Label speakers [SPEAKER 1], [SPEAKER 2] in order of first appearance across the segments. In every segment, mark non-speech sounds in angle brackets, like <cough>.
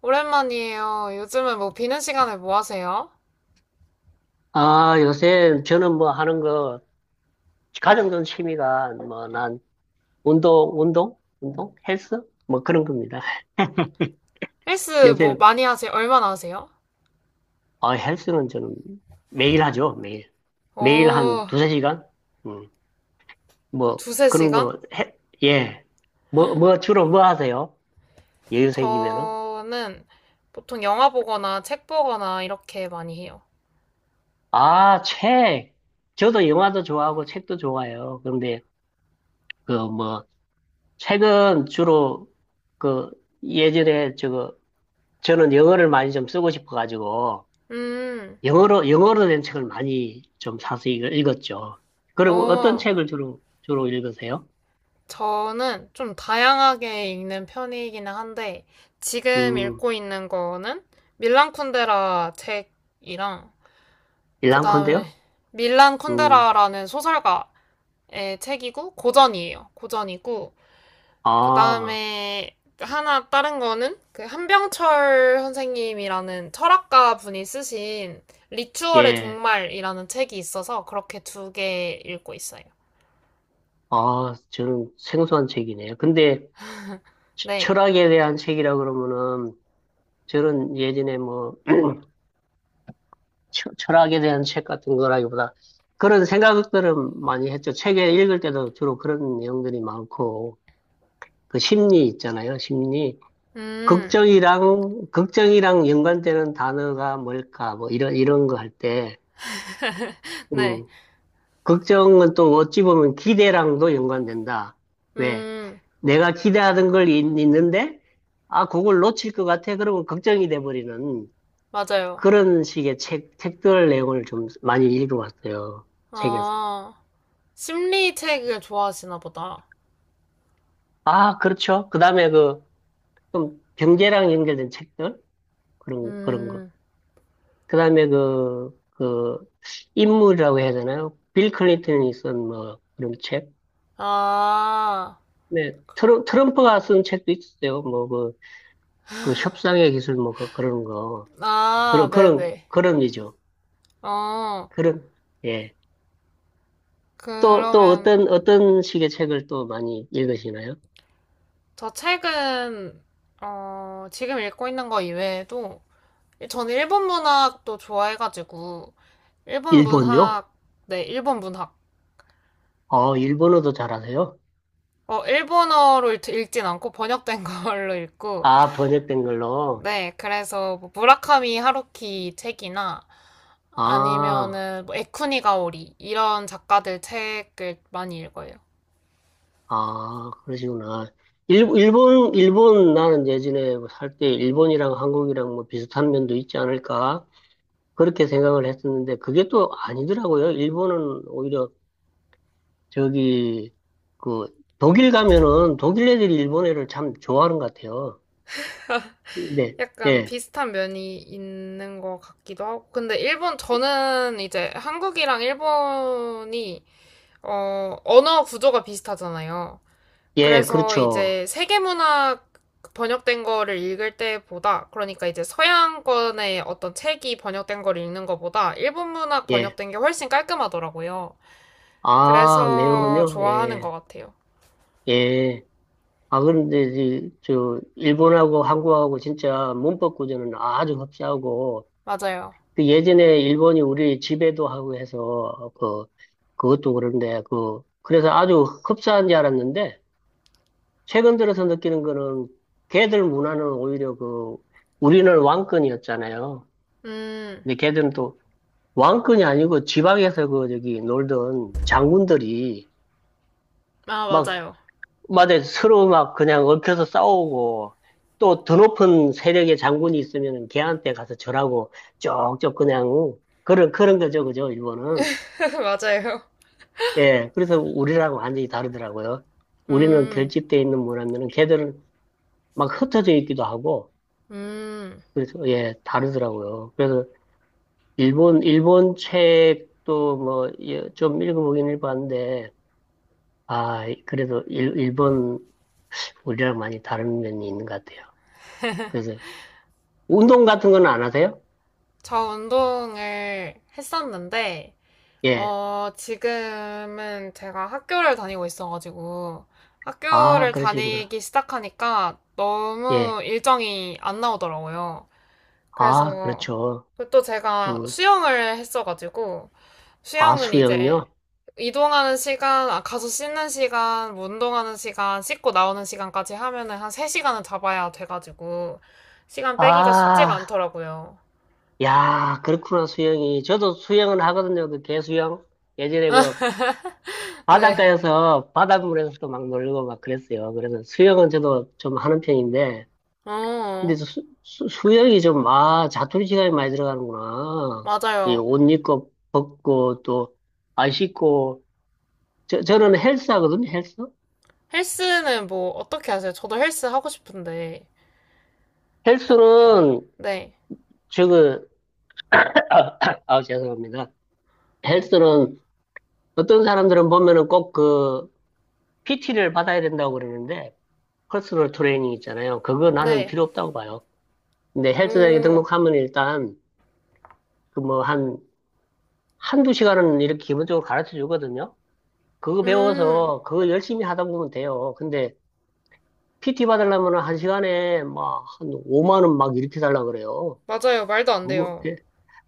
[SPEAKER 1] 오랜만이에요. 요즘은 뭐 비는 시간에 뭐 하세요?
[SPEAKER 2] 아, 요새 저는 뭐 하는 거, 가장 취미가 뭐 난 운동, 운동? 운동? 헬스? 뭐 그런 겁니다.
[SPEAKER 1] 헬스 뭐
[SPEAKER 2] 요새,
[SPEAKER 1] 많이 하세요? 얼마나 하세요?
[SPEAKER 2] 아, 헬스는 저는 매일 하죠, 매일. 매일 한
[SPEAKER 1] 어,
[SPEAKER 2] 두세 시간? 음, 뭐
[SPEAKER 1] 두세
[SPEAKER 2] 그런
[SPEAKER 1] 시간?
[SPEAKER 2] 거, 해, 예. 뭐 주로 뭐 하세요? 여유 생기면은?
[SPEAKER 1] 저는 보통 영화 보거나 책 보거나 이렇게 많이 해요.
[SPEAKER 2] 아, 책. 저도 영화도 좋아하고 책도 좋아해요. 그런데 그 뭐, 책은 주로 그 예전에 저거 저는 영어를 많이 좀 쓰고 싶어가지고
[SPEAKER 1] 음,
[SPEAKER 2] 영어로 된 책을 많이 좀 사서 읽었죠. 그리고 어떤
[SPEAKER 1] 어,
[SPEAKER 2] 책을 주로 읽으세요?
[SPEAKER 1] 저는 좀 다양하게 읽는 편이기는 한데, 지금
[SPEAKER 2] 음,
[SPEAKER 1] 읽고 있는 거는 밀란 쿤데라 책이랑, 그 다음에
[SPEAKER 2] 일랑콘데요?
[SPEAKER 1] 밀란
[SPEAKER 2] 음,
[SPEAKER 1] 쿤데라라는 소설가의 책이고, 고전이에요. 고전이고, 그
[SPEAKER 2] 아,
[SPEAKER 1] 다음에 하나 다른 거는 그 한병철 선생님이라는 철학가 분이 쓰신 리추얼의
[SPEAKER 2] 예,
[SPEAKER 1] 종말이라는 책이 있어서 그렇게 두 개 읽고 있어요.
[SPEAKER 2] 아, 저는 생소한 책이네요. 근데
[SPEAKER 1] 네.
[SPEAKER 2] 철학에 대한 책이라 그러면은 저는 예전에 뭐 철학에 대한 책 같은 거라기보다 그런 생각들은 많이 했죠. 책에 읽을 때도 주로 그런 내용들이 많고 그 심리 있잖아요, 심리.
[SPEAKER 1] 음.
[SPEAKER 2] 걱정이랑 연관되는 단어가 뭘까? 뭐, 이런 거 할 때,
[SPEAKER 1] 네.
[SPEAKER 2] 음, 걱정은 또 어찌 보면 기대랑도 연관된다. 왜?
[SPEAKER 1] 음.
[SPEAKER 2] 내가 기대하던 걸 있, 는데 아, 그걸 놓칠 것 같아. 그러면 걱정이 돼버리는
[SPEAKER 1] 맞아요.
[SPEAKER 2] 그런 식의 책들 내용을 좀 많이 읽어봤어요. 책에서.
[SPEAKER 1] 아, 심리 책을 좋아하시나 보다.
[SPEAKER 2] 아, 그렇죠. 그 다음에 그, 좀 경제랑 연결된 책들? 그런 거.
[SPEAKER 1] 음.
[SPEAKER 2] 그다음에 그, 인물이라고 해야 되나요? 빌 클린턴이 쓴 뭐, 그런 책.
[SPEAKER 1] 아.
[SPEAKER 2] 네, 트럼프가 쓴 책도 있었어요. 뭐, 그, 그 협상의 기술 뭐, 그, 그런 거.
[SPEAKER 1] 아, 네네.
[SPEAKER 2] 그런 이죠.
[SPEAKER 1] 어,
[SPEAKER 2] 그런, 예. 또, 또
[SPEAKER 1] 그러면
[SPEAKER 2] 어떤 식의 책을 또 많이 읽으시나요?
[SPEAKER 1] 저 책은, 지금 읽고 있는 거 이외에도 전 일본 문학도 좋아해가지고, 일본
[SPEAKER 2] 일본요?
[SPEAKER 1] 문학, 네, 일본 문학.
[SPEAKER 2] 어, 일본어도 잘하세요?
[SPEAKER 1] 어, 일본어로 읽- 진 않고 번역된 <laughs> 걸로 읽고,
[SPEAKER 2] 아, 번역된 걸로.
[SPEAKER 1] 네, 그래서 뭐 무라카미 하루키 책이나
[SPEAKER 2] 아.
[SPEAKER 1] 아니면은 뭐 에쿠니가오리 이런 작가들 책을 많이 읽어요.
[SPEAKER 2] 아, 그러시구나. 일본, 나는 예전에 살 때 일본이랑 한국이랑 뭐 비슷한 면도 있지 않을까? 그렇게 생각을 했었는데 그게 또 아니더라고요. 일본은 오히려 저기, 그, 독일 가면은 독일 애들이 일본 애를 참 좋아하는 것 같아요. 네,
[SPEAKER 1] 약간
[SPEAKER 2] 예,
[SPEAKER 1] 비슷한 면이 있는 것 같기도 하고. 근데 일본, 저는 이제 한국이랑 일본이, 언어 구조가 비슷하잖아요.
[SPEAKER 2] 예,
[SPEAKER 1] 그래서
[SPEAKER 2] 그렇죠.
[SPEAKER 1] 이제 세계문학 번역된 거를 읽을 때보다, 그러니까 이제 서양권의 어떤 책이 번역된 걸 읽는 거보다 일본 문학
[SPEAKER 2] 예.
[SPEAKER 1] 번역된 게 훨씬 깔끔하더라고요.
[SPEAKER 2] 아, 내용은
[SPEAKER 1] 그래서
[SPEAKER 2] 요
[SPEAKER 1] 좋아하는
[SPEAKER 2] 예,
[SPEAKER 1] 것 같아요.
[SPEAKER 2] 예. 아, 그런데, 저, 일본하고 한국하고 진짜 문법 구조는 아주 흡사하고,
[SPEAKER 1] 맞아요.
[SPEAKER 2] 그 예전에 일본이 우리 지배도 하고 해서 그 그것도 그런데 그 그래서 아주 흡사한 줄 알았는데 최근 들어서 느끼는 거는 걔들 문화는 오히려 그 우리는 왕권이었잖아요.
[SPEAKER 1] 음.
[SPEAKER 2] 근데 걔들은 또 왕권이 아니고 지방에서 그 저기 놀던 장군들이
[SPEAKER 1] 아,
[SPEAKER 2] 막
[SPEAKER 1] 맞아요.
[SPEAKER 2] 마다 서로 막 그냥 얽혀서 싸우고 또 더 높은 세력의 장군이 있으면 걔한테 가서 절하고 쪽쪽 그냥 그런 거죠, 그죠, 일본은.
[SPEAKER 1] <laughs> 맞아요.
[SPEAKER 2] 예, 그래서 우리라고 완전히 다르더라고요. 우리는
[SPEAKER 1] 음.
[SPEAKER 2] 결집돼 있는 문화면은 걔들은 막 흩어져 있기도 하고,
[SPEAKER 1] 음.
[SPEAKER 2] 그래서 예, 다르더라고요. 그래서 일본 책도 뭐, 예, 좀 읽어보긴 읽어봤는데, 아, 그래도 일본, 우리랑 많이 다른 면이 있는 것 같아요. 그래서 운동 같은 건 안 하세요?
[SPEAKER 1] 저 운동을 했었는데,
[SPEAKER 2] 예.
[SPEAKER 1] 지금은 제가 학교를 다니고 있어가지고,
[SPEAKER 2] 아,
[SPEAKER 1] 학교를
[SPEAKER 2] 그러시구나.
[SPEAKER 1] 다니기 시작하니까
[SPEAKER 2] 예.
[SPEAKER 1] 너무 일정이 안 나오더라고요.
[SPEAKER 2] 아,
[SPEAKER 1] 그래서,
[SPEAKER 2] 그렇죠.
[SPEAKER 1] 그리고 또 제가
[SPEAKER 2] 음.
[SPEAKER 1] 수영을 했어가지고,
[SPEAKER 2] 아,
[SPEAKER 1] 수영은 이제
[SPEAKER 2] 수영요?
[SPEAKER 1] 이동하는 시간, 아, 가서 씻는 시간, 뭐 운동하는 시간, 씻고 나오는 시간까지 하면은 한 3시간은 잡아야 돼가지고, 시간 빼기가 쉽지가
[SPEAKER 2] 아,
[SPEAKER 1] 않더라고요.
[SPEAKER 2] 야, 그렇구나, 수영이. 저도 수영은 하거든요, 그 개수영. 예전에 그
[SPEAKER 1] <laughs> 네.
[SPEAKER 2] 바닷가에서, 바닷물에서도 막 놀고 막 그랬어요. 그래서 수영은 저도 좀 하는 편인데, 근데
[SPEAKER 1] 어,
[SPEAKER 2] 수영이 좀, 아, 자투리 시간이 많이 들어가는구나. 이
[SPEAKER 1] 맞아요.
[SPEAKER 2] 옷 입고, 벗고, 또, 안 씻고. 저는 헬스 하거든요, 헬스?
[SPEAKER 1] 헬스는 뭐 어떻게 하세요? 저도 헬스 하고 싶은데 약간
[SPEAKER 2] 헬스는,
[SPEAKER 1] 네.
[SPEAKER 2] 저거, 아, <coughs> <clears throat> 아, 죄송합니다. 헬스는 어떤 사람들은 보면은 꼭 그, PT를 받아야 된다고 그러는데, 퍼스널 트레이닝 있잖아요. 그거 나는
[SPEAKER 1] 네.
[SPEAKER 2] 필요 없다고 봐요. 근데 헬스장에
[SPEAKER 1] 오.
[SPEAKER 2] 등록하면 일단 그 뭐 한, 한두 시간은 이렇게 기본적으로 가르쳐 주거든요. 그거
[SPEAKER 1] 음.
[SPEAKER 2] 배워서 그거 열심히 하다 보면 돼요. 근데 PT 받으려면 한 시간에 막 한 5만 원 막 이렇게 달라 그래요.
[SPEAKER 1] 맞아요. 말도 안
[SPEAKER 2] 그거
[SPEAKER 1] 돼요.
[SPEAKER 2] 예,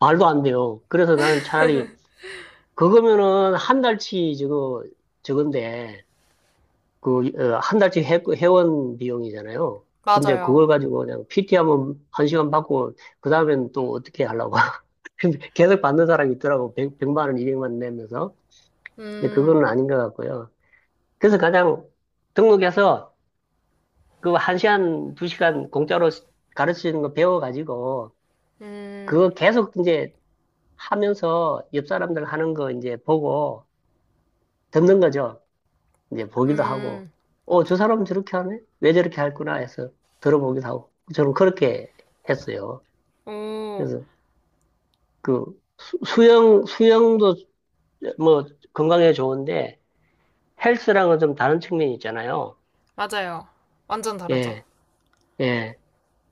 [SPEAKER 2] 말도 안 돼요. 그래서 나는 차라리 그거면은 한 달치 저거 저건데 그, 어, 한 달치 회원 비용이잖아요. 근데 그걸
[SPEAKER 1] 맞아요.
[SPEAKER 2] 가지고 그냥 PT 하면 한 시간 받고, 그 다음엔 또 어떻게 하려고. <laughs> 근데 계속 받는 사람이 있더라고. 100, 만 원, 200만 원 내면서. 근데
[SPEAKER 1] 음.
[SPEAKER 2] 그거는 아닌 것 같고요. 그래서 가장 등록해서 그 한 시간, 두 시간 공짜로 가르치는 거 배워가지고,
[SPEAKER 1] 음.
[SPEAKER 2] 그거 계속 이제 하면서 옆 사람들 하는 거 이제 보고 듣는 거죠. 이제 보기도 하고,
[SPEAKER 1] 음.
[SPEAKER 2] 어, 저 사람 저렇게 하네? 왜 저렇게 할구나 해서 들어보기도 하고, 저는 그렇게 했어요.
[SPEAKER 1] 오.
[SPEAKER 2] 그래서 그 수영, 수영도 뭐 건강에 좋은데 헬스랑은 좀 다른 측면이 있잖아요.
[SPEAKER 1] 맞아요. 완전 다르죠.
[SPEAKER 2] 예, 예.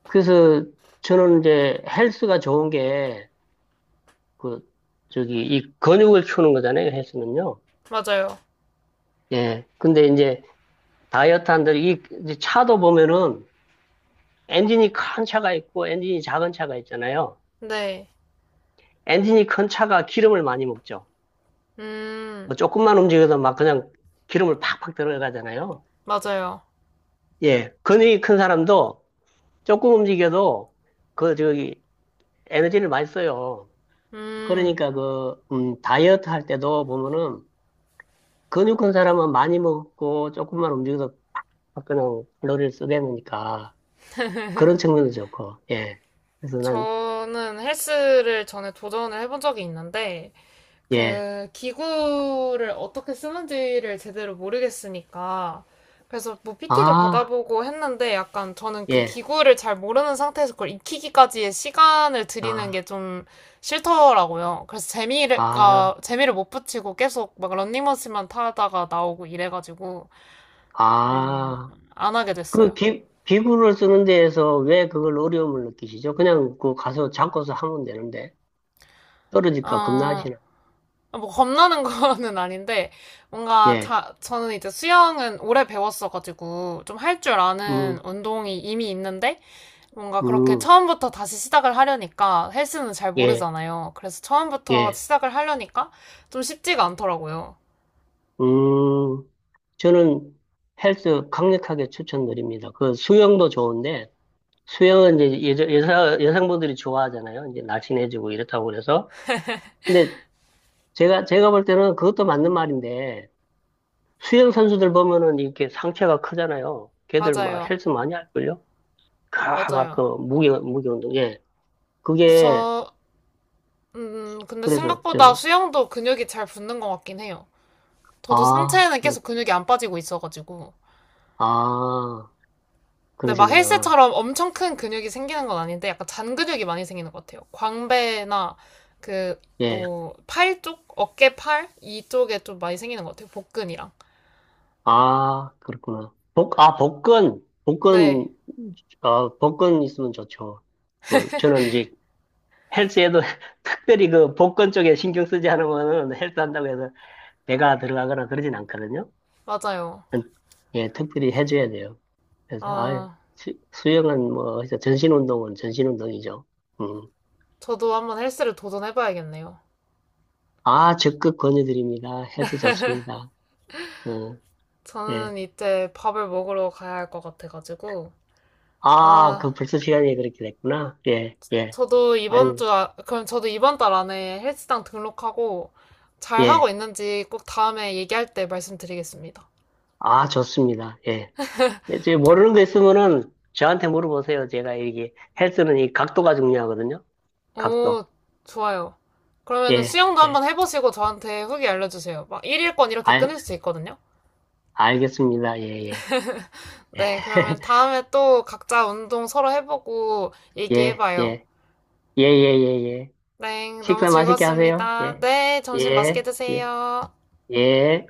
[SPEAKER 2] 그래서 저는 이제 헬스가 좋은 게 그, 저기 이 근육을 키우는 거잖아요. 헬스는요.
[SPEAKER 1] 맞아요.
[SPEAKER 2] 예. 근데 이제 다이어트 한들 이 이제 차도 보면은 엔진이 큰 차가 있고 엔진이 작은 차가 있잖아요.
[SPEAKER 1] 네.
[SPEAKER 2] 엔진이 큰 차가 기름을 많이 먹죠.
[SPEAKER 1] 음.
[SPEAKER 2] 뭐 조금만 움직여서 막 그냥 기름을 팍팍 들어가잖아요.
[SPEAKER 1] 맞아요.
[SPEAKER 2] 예, 근육이 큰 사람도 조금 움직여도 그 저기 에너지를 많이 써요.
[SPEAKER 1] 음.
[SPEAKER 2] 그러니까 그 다이어트 할 때도 보면은 근육 큰 사람은 많이 먹고 조금만 움직여서 막 그냥 칼로리를 쓰게 되니까 그런 측면도 좋고 예. 그래서 난
[SPEAKER 1] 저는 헬스를 전에 도전을 해본 적이 있는데
[SPEAKER 2] 예,
[SPEAKER 1] 그 기구를 어떻게 쓰는지를 제대로 모르겠으니까 그래서 뭐 PT도
[SPEAKER 2] 아,
[SPEAKER 1] 받아보고 했는데 약간 저는 그
[SPEAKER 2] 예,
[SPEAKER 1] 기구를 잘 모르는 상태에서 그걸 익히기까지의 시간을 들이는
[SPEAKER 2] 아,
[SPEAKER 1] 게 좀 싫더라고요. 그래서
[SPEAKER 2] 아,
[SPEAKER 1] 재미가 재미를 못 붙이고 계속 막 런닝머신만 타다가 나오고 이래가지고 그냥
[SPEAKER 2] 아.
[SPEAKER 1] 안 하게
[SPEAKER 2] 그
[SPEAKER 1] 됐어요.
[SPEAKER 2] 기구를 쓰는 데에서 왜 그걸 어려움을 느끼시죠? 그냥 그 가서 잡고서 하면 되는데
[SPEAKER 1] 어,
[SPEAKER 2] 떨어질까 겁나시나?
[SPEAKER 1] 아, 뭐 겁나는 <laughs> 거는 아닌데 뭔가
[SPEAKER 2] 예,
[SPEAKER 1] 자, 저는 이제 수영은 오래 배웠어가지고 좀 할 줄 아는
[SPEAKER 2] 음,
[SPEAKER 1] 운동이 이미 있는데 뭔가 그렇게
[SPEAKER 2] 음,
[SPEAKER 1] 처음부터 다시 시작을 하려니까 헬스는 잘
[SPEAKER 2] 예,
[SPEAKER 1] 모르잖아요. 그래서 처음부터
[SPEAKER 2] 예,
[SPEAKER 1] 시작을 하려니까 좀 쉽지가 않더라고요.
[SPEAKER 2] 음. 저는 헬스 강력하게 추천드립니다. 그 수영도 좋은데 수영은 이제 여자, 여성분들이 좋아하잖아요. 이제 날씬해지고 이렇다고 그래서. 근데 제가 볼 때는 그것도 맞는 말인데 수영 선수들 보면은 이렇게 상체가 크잖아요. 걔들 막
[SPEAKER 1] 맞아요.
[SPEAKER 2] 헬스 많이 할걸요? 가, 막, 그,
[SPEAKER 1] 맞아요.
[SPEAKER 2] 무게 운동, 예.
[SPEAKER 1] 근데
[SPEAKER 2] 그게,
[SPEAKER 1] 저, 근데
[SPEAKER 2] 그래서
[SPEAKER 1] 생각보다
[SPEAKER 2] 저는,
[SPEAKER 1] 수영도 근육이 잘 붙는 것 같긴 해요. 저도
[SPEAKER 2] 아,
[SPEAKER 1] 상체에는
[SPEAKER 2] 그,
[SPEAKER 1] 계속 근육이 안 빠지고 있어가지고.
[SPEAKER 2] 아,
[SPEAKER 1] 근데 막
[SPEAKER 2] 그러시구나.
[SPEAKER 1] 헬스처럼 엄청 큰 근육이 생기는 건 아닌데 약간 잔 근육이 많이 생기는 것 같아요. 광배나 그
[SPEAKER 2] 예.
[SPEAKER 1] 뭐 팔 쪽, 어깨 팔 이쪽에 좀 많이 생기는 것 같아요. 복근이랑.
[SPEAKER 2] 아, 그렇구나. 복, 아, 복근,
[SPEAKER 1] 네,
[SPEAKER 2] 어, 복근 있으면 좋죠. 그, 저는 이제 헬스에도 <laughs> 특별히 그 복근 쪽에 신경 쓰지 않으면은 헬스 한다고 해서 배가 들어가거나 그러진 않거든요.
[SPEAKER 1] 맞아요.
[SPEAKER 2] 음, 예, 특별히 해줘야 돼요. 그래서, 아
[SPEAKER 1] 아,
[SPEAKER 2] 수영은 뭐, 해서 전신 운동은 전신 운동이죠.
[SPEAKER 1] 저도 한번 헬스를 도전해봐야겠네요.
[SPEAKER 2] 아, 적극 권유드립니다. 해도 좋습니다. 어, 예.
[SPEAKER 1] 저는 이제 밥을 먹으러 가야 할 것 같아가지고
[SPEAKER 2] 아,
[SPEAKER 1] 아,
[SPEAKER 2] 그 벌써 시간이 그렇게 됐구나. 예, 예.
[SPEAKER 1] 저도 이번
[SPEAKER 2] 아유,
[SPEAKER 1] 주 아- 그럼 저도 이번 달 안에 헬스장 등록하고 잘 하고
[SPEAKER 2] 예.
[SPEAKER 1] 있는지 꼭 다음에 얘기할 때 말씀드리겠습니다.
[SPEAKER 2] 아, 좋습니다. 예. 이제 모르는 거 있으면은 저한테 물어보세요. 제가 이게 헬스는 이 각도가 중요하거든요. 각도.
[SPEAKER 1] 오, 좋아요. 그러면은
[SPEAKER 2] 예,
[SPEAKER 1] 수영도
[SPEAKER 2] 예.
[SPEAKER 1] 한번 해보시고 저한테 후기 알려주세요. 막 1일권 이렇게
[SPEAKER 2] 알,
[SPEAKER 1] 끊을 수 있거든요.
[SPEAKER 2] 알겠습니다. 예, 예.
[SPEAKER 1] 네, 그러면
[SPEAKER 2] <laughs>
[SPEAKER 1] 다음에 또 각자 운동 서로 해보고
[SPEAKER 2] 예,
[SPEAKER 1] 얘기해봐요.
[SPEAKER 2] 예. 예, 예, 예, 예.
[SPEAKER 1] 네, 너무
[SPEAKER 2] 식사 맛있게 하세요.
[SPEAKER 1] 즐거웠습니다.
[SPEAKER 2] 예,
[SPEAKER 1] 네, 점심 맛있게
[SPEAKER 2] 예, 예,
[SPEAKER 1] 드세요.
[SPEAKER 2] 예.